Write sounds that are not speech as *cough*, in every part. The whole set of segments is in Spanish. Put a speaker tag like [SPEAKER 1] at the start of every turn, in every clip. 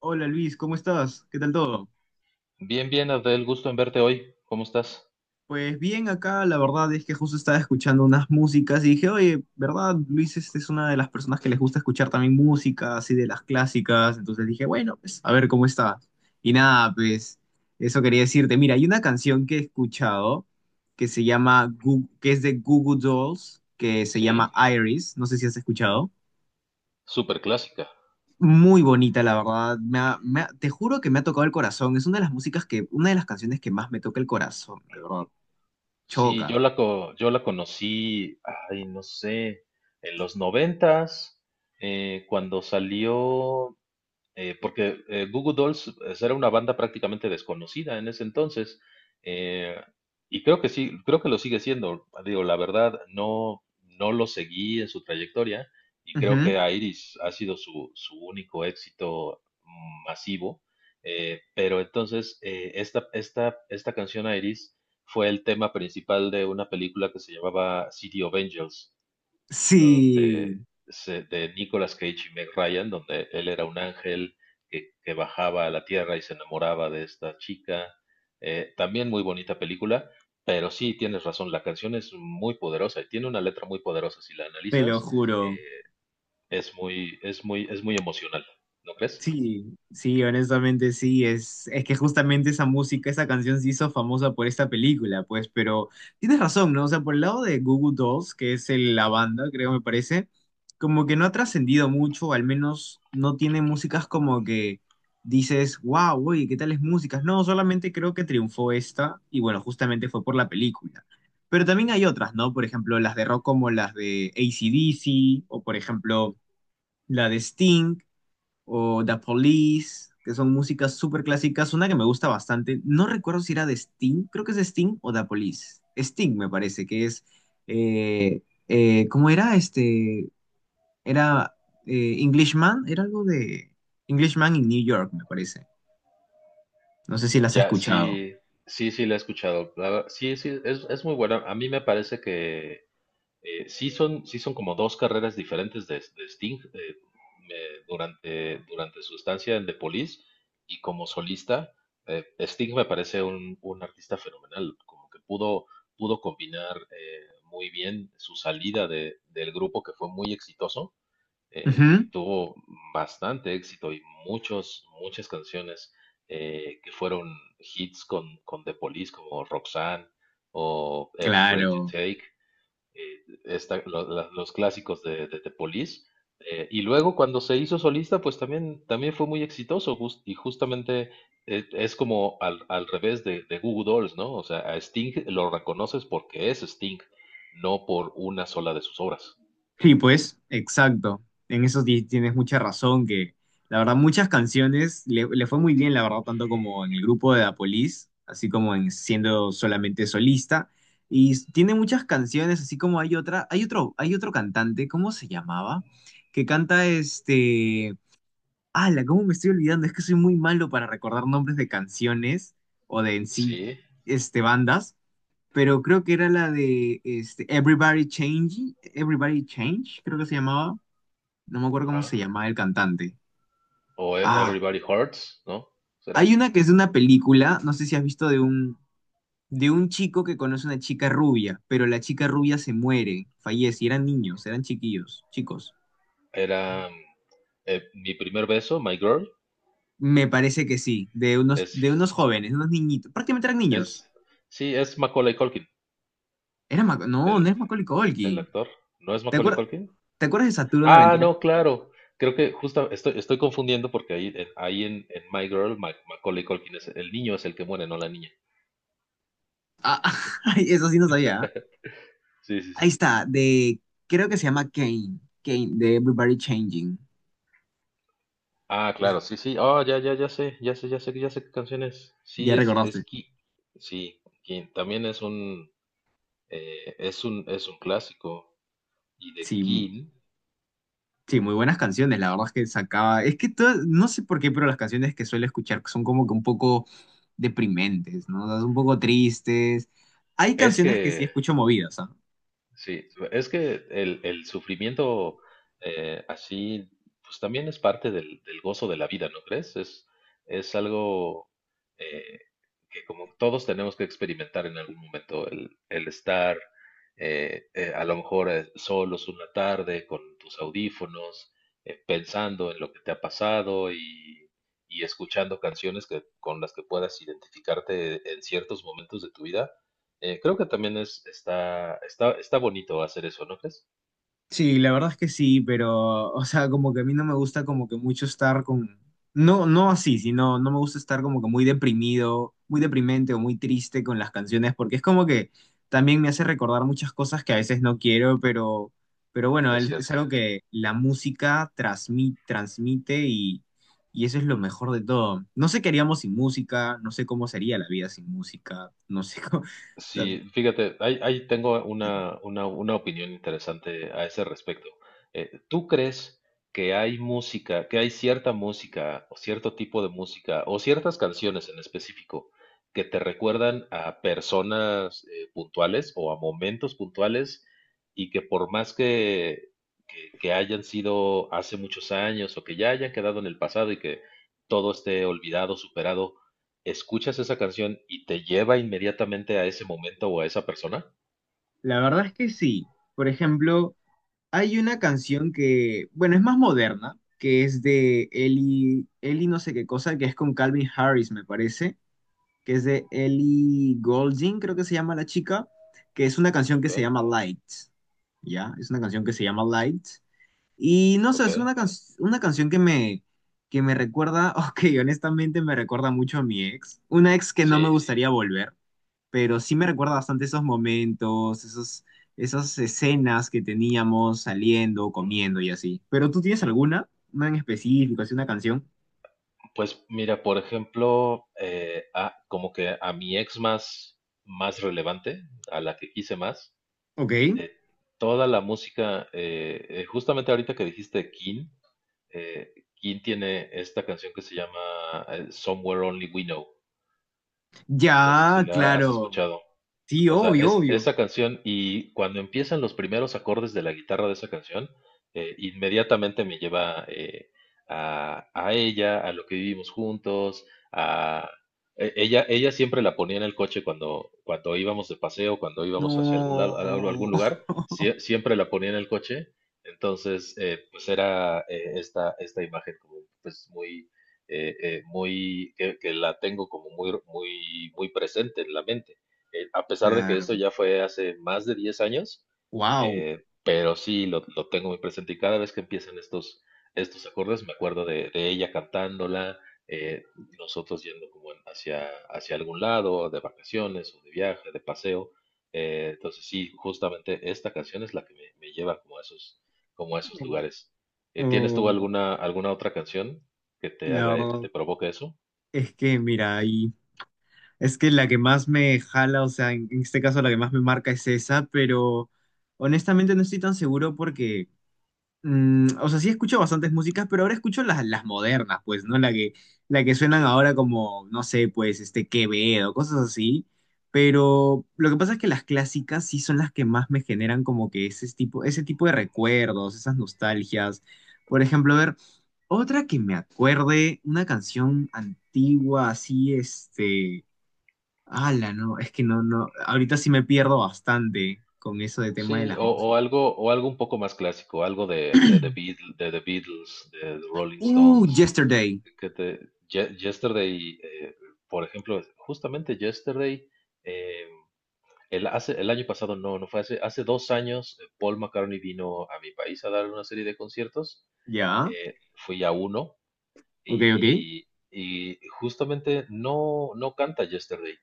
[SPEAKER 1] Hola Luis, ¿cómo estás? ¿Qué tal todo?
[SPEAKER 2] Bien, bien, Adel, gusto en verte hoy. ¿Cómo estás?
[SPEAKER 1] Pues bien, acá la verdad es que justo estaba escuchando unas músicas y dije, oye, ¿verdad? Luis este es una de las personas que les gusta escuchar también música, así de las clásicas. Entonces dije, bueno, pues a ver cómo está. Y nada, pues eso quería decirte. Mira, hay una canción que he escuchado que se llama, que es de Goo Goo Dolls, que se llama
[SPEAKER 2] Sí,
[SPEAKER 1] Iris. No sé si has escuchado.
[SPEAKER 2] súper clásica.
[SPEAKER 1] Muy bonita, la verdad. Te juro que me ha tocado el corazón. Es una de las músicas que, una de las canciones que más me toca el corazón, de verdad.
[SPEAKER 2] Sí,
[SPEAKER 1] Choca.
[SPEAKER 2] yo la, co- yo la conocí, ay, no sé, en los noventas, cuando salió. Porque Goo Goo Dolls pues, era una banda prácticamente desconocida en ese entonces. eh, y creo que sí, creo que lo sigue siendo. Digo, la verdad, no lo seguí en su trayectoria. Y creo
[SPEAKER 1] Ujú.
[SPEAKER 2] que Iris ha sido su único éxito masivo. Pero entonces, esta canción Iris fue el tema principal de una película que se llamaba City of Angels,
[SPEAKER 1] Sí,
[SPEAKER 2] donde de Nicolas Cage y Meg Ryan, donde él era un ángel que bajaba a la tierra y se enamoraba de esta chica. También muy bonita película, pero sí tienes razón, la canción es muy poderosa y tiene una letra muy poderosa. Si la
[SPEAKER 1] te lo
[SPEAKER 2] analizas,
[SPEAKER 1] juro.
[SPEAKER 2] eh, es muy emocional, ¿no crees?
[SPEAKER 1] Sí, sí, honestamente sí, es que justamente esa música, esa canción se hizo famosa por esta película, pues, pero tienes razón, ¿no? O sea, por el lado de Goo Goo Dolls, que es la banda, creo me parece, como que no ha trascendido mucho, al menos no tiene músicas como que dices, wow, oye, ¿qué tales músicas? No, solamente creo que triunfó esta, y bueno, justamente fue por la película. Pero también hay otras, ¿no? Por ejemplo, las de rock como las de AC/DC, o por ejemplo, la de Sting o The Police, que son músicas súper clásicas. Una que me gusta bastante, no recuerdo si era de Sting, creo que es de Sting o The Police. Sting me parece que es, eh, ¿cómo era? Este, era Englishman, era algo de Englishman in New York, me parece. No sé si las has
[SPEAKER 2] Ya,
[SPEAKER 1] escuchado.
[SPEAKER 2] sí, sí, sí, la he escuchado. Sí, sí, es muy buena. A mí me parece que sí son como dos carreras diferentes de Sting, durante su estancia en The Police y como solista. Sting me parece un artista fenomenal, como que pudo, pudo combinar muy bien su salida del grupo que fue muy exitoso.
[SPEAKER 1] Ujú.
[SPEAKER 2] Tuvo bastante éxito y muchas canciones que fueron hits con The Police, como Roxanne o Every Breath You
[SPEAKER 1] Claro.
[SPEAKER 2] Take, eh, los clásicos de Police. Y luego cuando se hizo solista, pues también fue muy exitoso y justamente es como al revés de Goo Goo Dolls, ¿no? O sea, a Sting lo reconoces porque es Sting, no por una sola de sus obras.
[SPEAKER 1] Sí, pues, exacto. En eso tienes mucha razón, que la verdad muchas canciones le fue muy bien, la verdad, tanto como en el grupo de Apolis, así como en siendo solamente solista. Y tiene muchas canciones, así como hay otra, hay otro cantante, ¿cómo se llamaba? Que canta este. ¡Hala! ¿Cómo me estoy olvidando? Es que soy muy malo para recordar nombres de canciones o de en sí,
[SPEAKER 2] Sí,
[SPEAKER 1] este, bandas, pero creo que era la de este, Everybody Change, Everybody Change, creo que se llamaba. No me acuerdo cómo
[SPEAKER 2] ajá.
[SPEAKER 1] se llamaba el cantante.
[SPEAKER 2] O
[SPEAKER 1] Ah,
[SPEAKER 2] Everybody Hurts, ¿no? ¿Será?
[SPEAKER 1] hay una que es de una película, no sé si has visto de un, chico que conoce a una chica rubia, pero la chica rubia se muere, fallece, y eran niños, eran chiquillos, chicos.
[SPEAKER 2] Era Mi primer beso, My Girl,
[SPEAKER 1] Me parece que sí, de unos,
[SPEAKER 2] es,
[SPEAKER 1] de unos jóvenes, unos niñitos, prácticamente eran niños.
[SPEAKER 2] es, sí, es Macaulay Culkin,
[SPEAKER 1] No, no
[SPEAKER 2] el,
[SPEAKER 1] es Macaulay
[SPEAKER 2] el
[SPEAKER 1] Culkin.
[SPEAKER 2] actor. ¿No es
[SPEAKER 1] ¿Te
[SPEAKER 2] Macaulay
[SPEAKER 1] acuer-
[SPEAKER 2] Culkin?
[SPEAKER 1] ¿Te acuerdas de Saturno en
[SPEAKER 2] Ah,
[SPEAKER 1] Aventura
[SPEAKER 2] no,
[SPEAKER 1] Espacial?
[SPEAKER 2] claro. Creo que justo estoy confundiendo porque ahí, en My Girl, Macaulay Culkin es el niño es el que muere, no la niña.
[SPEAKER 1] Ah, *laughs* ay, eso sí no sabía.
[SPEAKER 2] Sí, sí,
[SPEAKER 1] Ahí
[SPEAKER 2] sí.
[SPEAKER 1] está, de, creo que se llama Kane, Kane, de Everybody Changing.
[SPEAKER 2] Ah, claro, sí, sí. Oh, ya, ya, ya sé, ya sé, ya sé, ya sé qué canción es. Sí,
[SPEAKER 1] Ya
[SPEAKER 2] es
[SPEAKER 1] recordaste.
[SPEAKER 2] Sí, Kin. También es un, es un clásico. Y de
[SPEAKER 1] Sí, mu-
[SPEAKER 2] King,
[SPEAKER 1] sí, muy buenas canciones, la verdad es que sacaba, es que no sé por qué, pero las canciones que suelo escuchar son como que un poco deprimentes, ¿no? O sea, son un poco tristes. Hay
[SPEAKER 2] es
[SPEAKER 1] canciones que sí
[SPEAKER 2] que
[SPEAKER 1] escucho movidas, ¿ah?
[SPEAKER 2] sí, es que el sufrimiento eh, así, pues también es parte del gozo de la vida, ¿no crees? Es algo, eh, que como todos tenemos que experimentar en algún momento, el estar a lo mejor solos una tarde con tus audífonos, pensando en lo que te ha pasado y escuchando canciones que, con las que puedas identificarte en ciertos momentos de tu vida, creo que también está bonito hacer eso, ¿no crees?
[SPEAKER 1] Sí, la verdad es que sí, pero, o sea, como que a mí no me gusta como que mucho estar con, no, no así, sino no me gusta estar como que muy deprimido, muy deprimente o muy triste con las canciones, porque es como que también me hace recordar muchas cosas que a veces no quiero, pero, bueno,
[SPEAKER 2] Es
[SPEAKER 1] es
[SPEAKER 2] cierto.
[SPEAKER 1] algo que la música transmite y eso es lo mejor de todo. No sé qué haríamos sin música, no sé cómo sería la vida sin música, no sé cómo, *laughs* o sea,
[SPEAKER 2] Sí, fíjate, ahí tengo una opinión interesante a ese respecto. ¿Tú crees que hay música, que hay cierta música o cierto tipo de música o ciertas canciones en específico que te recuerdan a personas, puntuales o a momentos puntuales y que por más que hayan sido hace muchos años o que ya hayan quedado en el pasado y que todo esté olvidado, superado, escuchas esa canción y te lleva inmediatamente a ese momento o a esa persona.
[SPEAKER 1] la verdad es que sí, por ejemplo. Hay una canción que, bueno, es más moderna, que es de Ellie no sé qué cosa, que es con Calvin Harris, me parece, que es de Ellie Goulding, creo que se llama la chica, que es una canción que
[SPEAKER 2] Ok,
[SPEAKER 1] se llama Lights, ¿ya? Es una canción que se llama Lights. Y no sé,
[SPEAKER 2] ok.
[SPEAKER 1] es una canción que me recuerda, *laughs* ok, honestamente me recuerda mucho a mi ex, una ex que no me
[SPEAKER 2] Sí,
[SPEAKER 1] gustaría volver, pero sí me recuerda bastante esos momentos, esos, esas escenas que teníamos saliendo, comiendo y así. Pero tú tienes alguna, una en específico, así una canción.
[SPEAKER 2] pues mira, por ejemplo, como que a mi ex más relevante, a la que quise más,
[SPEAKER 1] Ok.
[SPEAKER 2] eh, toda la música, justamente ahorita que dijiste King, King tiene esta canción que se llama Somewhere Only We Know. No sé si
[SPEAKER 1] Ya,
[SPEAKER 2] la has
[SPEAKER 1] claro.
[SPEAKER 2] escuchado.
[SPEAKER 1] Sí,
[SPEAKER 2] O sea,
[SPEAKER 1] obvio,
[SPEAKER 2] es
[SPEAKER 1] obvio.
[SPEAKER 2] esa canción y cuando empiezan los primeros acordes de la guitarra de esa canción, inmediatamente me lleva, a ella, a lo que vivimos juntos, a ella siempre la ponía en el coche cuando íbamos de paseo, cuando íbamos hacia algún lado, a
[SPEAKER 1] No.
[SPEAKER 2] algún lugar,
[SPEAKER 1] *laughs*
[SPEAKER 2] siempre la ponía en el coche. Entonces, pues era esta imagen como pues muy, que la tengo como muy presente en la mente, a pesar de que esto
[SPEAKER 1] Claro.
[SPEAKER 2] ya fue hace más de 10 años,
[SPEAKER 1] Wow.
[SPEAKER 2] pero sí lo tengo muy presente y cada vez que empiezan estos acordes me acuerdo de ella cantándola, eh, nosotros yendo como hacia algún lado, de vacaciones o de viaje, de paseo. Entonces sí, justamente esta canción es la que me lleva como a esos lugares. ¿Tienes tú
[SPEAKER 1] Oh,
[SPEAKER 2] alguna otra canción que te
[SPEAKER 1] la
[SPEAKER 2] haga, que
[SPEAKER 1] verdad
[SPEAKER 2] te provoque eso?
[SPEAKER 1] es que, mira, ahí. Es que la que más me jala, o sea, en este caso la que más me marca es esa, pero honestamente no estoy tan seguro porque. Mm, o sea, sí escucho bastantes músicas, pero ahora escucho las modernas, pues, ¿no? La que
[SPEAKER 2] Sí.
[SPEAKER 1] suenan ahora como, no sé, pues, este Quevedo, cosas así. Pero lo que pasa es que las clásicas sí son las que más me generan como que ese tipo de recuerdos, esas nostalgias. Por ejemplo, a ver, otra que me acuerde, una canción antigua, así, este, ala, no, es que no, no, ahorita sí me pierdo bastante con eso de tema de
[SPEAKER 2] Sí,
[SPEAKER 1] las músicas.
[SPEAKER 2] o algo un poco más clásico, algo de The Beatles, de The Rolling Stones,
[SPEAKER 1] Yesterday,
[SPEAKER 2] que te, Yesterday, por ejemplo, justamente Yesterday, eh, el año pasado, no, no fue hace, hace 2 años, Paul McCartney vino a mi país a dar una serie de conciertos,
[SPEAKER 1] ¿ya?
[SPEAKER 2] fui a uno,
[SPEAKER 1] Ok, ok.
[SPEAKER 2] y justamente no, no canta Yesterday.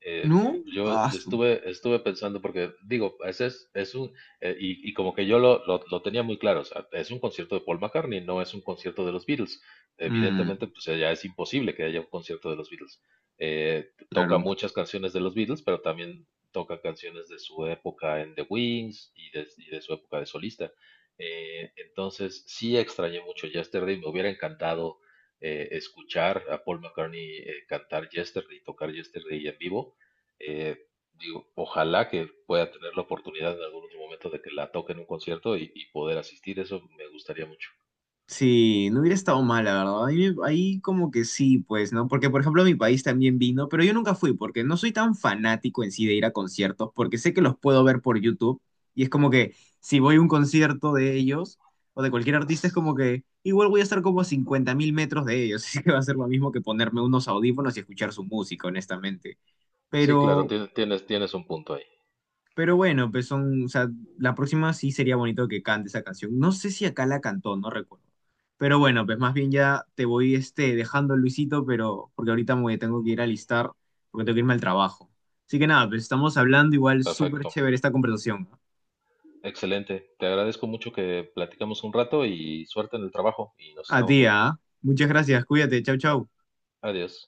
[SPEAKER 2] Eh,
[SPEAKER 1] No,
[SPEAKER 2] yo
[SPEAKER 1] ah,
[SPEAKER 2] estuve, estuve pensando, porque digo, ese es un, y como que yo lo, lo tenía muy claro, o sea, es un concierto de Paul McCartney, no es un concierto de los Beatles.
[SPEAKER 1] mm,
[SPEAKER 2] Evidentemente, pues ya es imposible que haya un concierto de los Beatles. Toca
[SPEAKER 1] claro.
[SPEAKER 2] muchas canciones de los Beatles, pero también toca canciones de su época en The Wings y y de su época de solista. Entonces, sí extrañé mucho Yesterday, me hubiera encantado escuchar a Paul McCartney cantar Yesterday y tocar Yesterday en vivo. eh, Digo, ojalá que pueda tener la oportunidad en algún otro momento de que la toque en un concierto y poder asistir, eso me gustaría mucho.
[SPEAKER 1] Sí, no hubiera estado mal, la verdad. Ahí como que sí, pues, ¿no? Porque, por ejemplo, mi país también vino, pero yo nunca fui porque no soy tan fanático en sí de ir a conciertos, porque sé que los puedo ver por YouTube y es como que si voy a un concierto de ellos o de cualquier artista es como que igual voy a estar como a 50 mil metros de ellos, *laughs* así que va a ser lo mismo que ponerme unos audífonos y escuchar su música, honestamente.
[SPEAKER 2] Sí, claro,
[SPEAKER 1] Pero,
[SPEAKER 2] tienes, tienes un punto ahí.
[SPEAKER 1] Bueno, pues son, o sea, la próxima sí sería bonito que cante esa canción. No sé si acá la cantó, no recuerdo. Pero bueno, pues más bien ya te voy este, dejando, Luisito, pero porque ahorita me tengo que ir a alistar, porque tengo que irme al trabajo. Así que nada, pues estamos hablando igual súper
[SPEAKER 2] Perfecto.
[SPEAKER 1] chévere esta conversación.
[SPEAKER 2] Excelente. Te agradezco mucho que platicamos un rato y suerte en el trabajo y nos
[SPEAKER 1] A
[SPEAKER 2] estamos
[SPEAKER 1] ti,
[SPEAKER 2] viendo.
[SPEAKER 1] ¿ah? Muchas gracias, cuídate, chau,
[SPEAKER 2] A-
[SPEAKER 1] chau.
[SPEAKER 2] Adiós.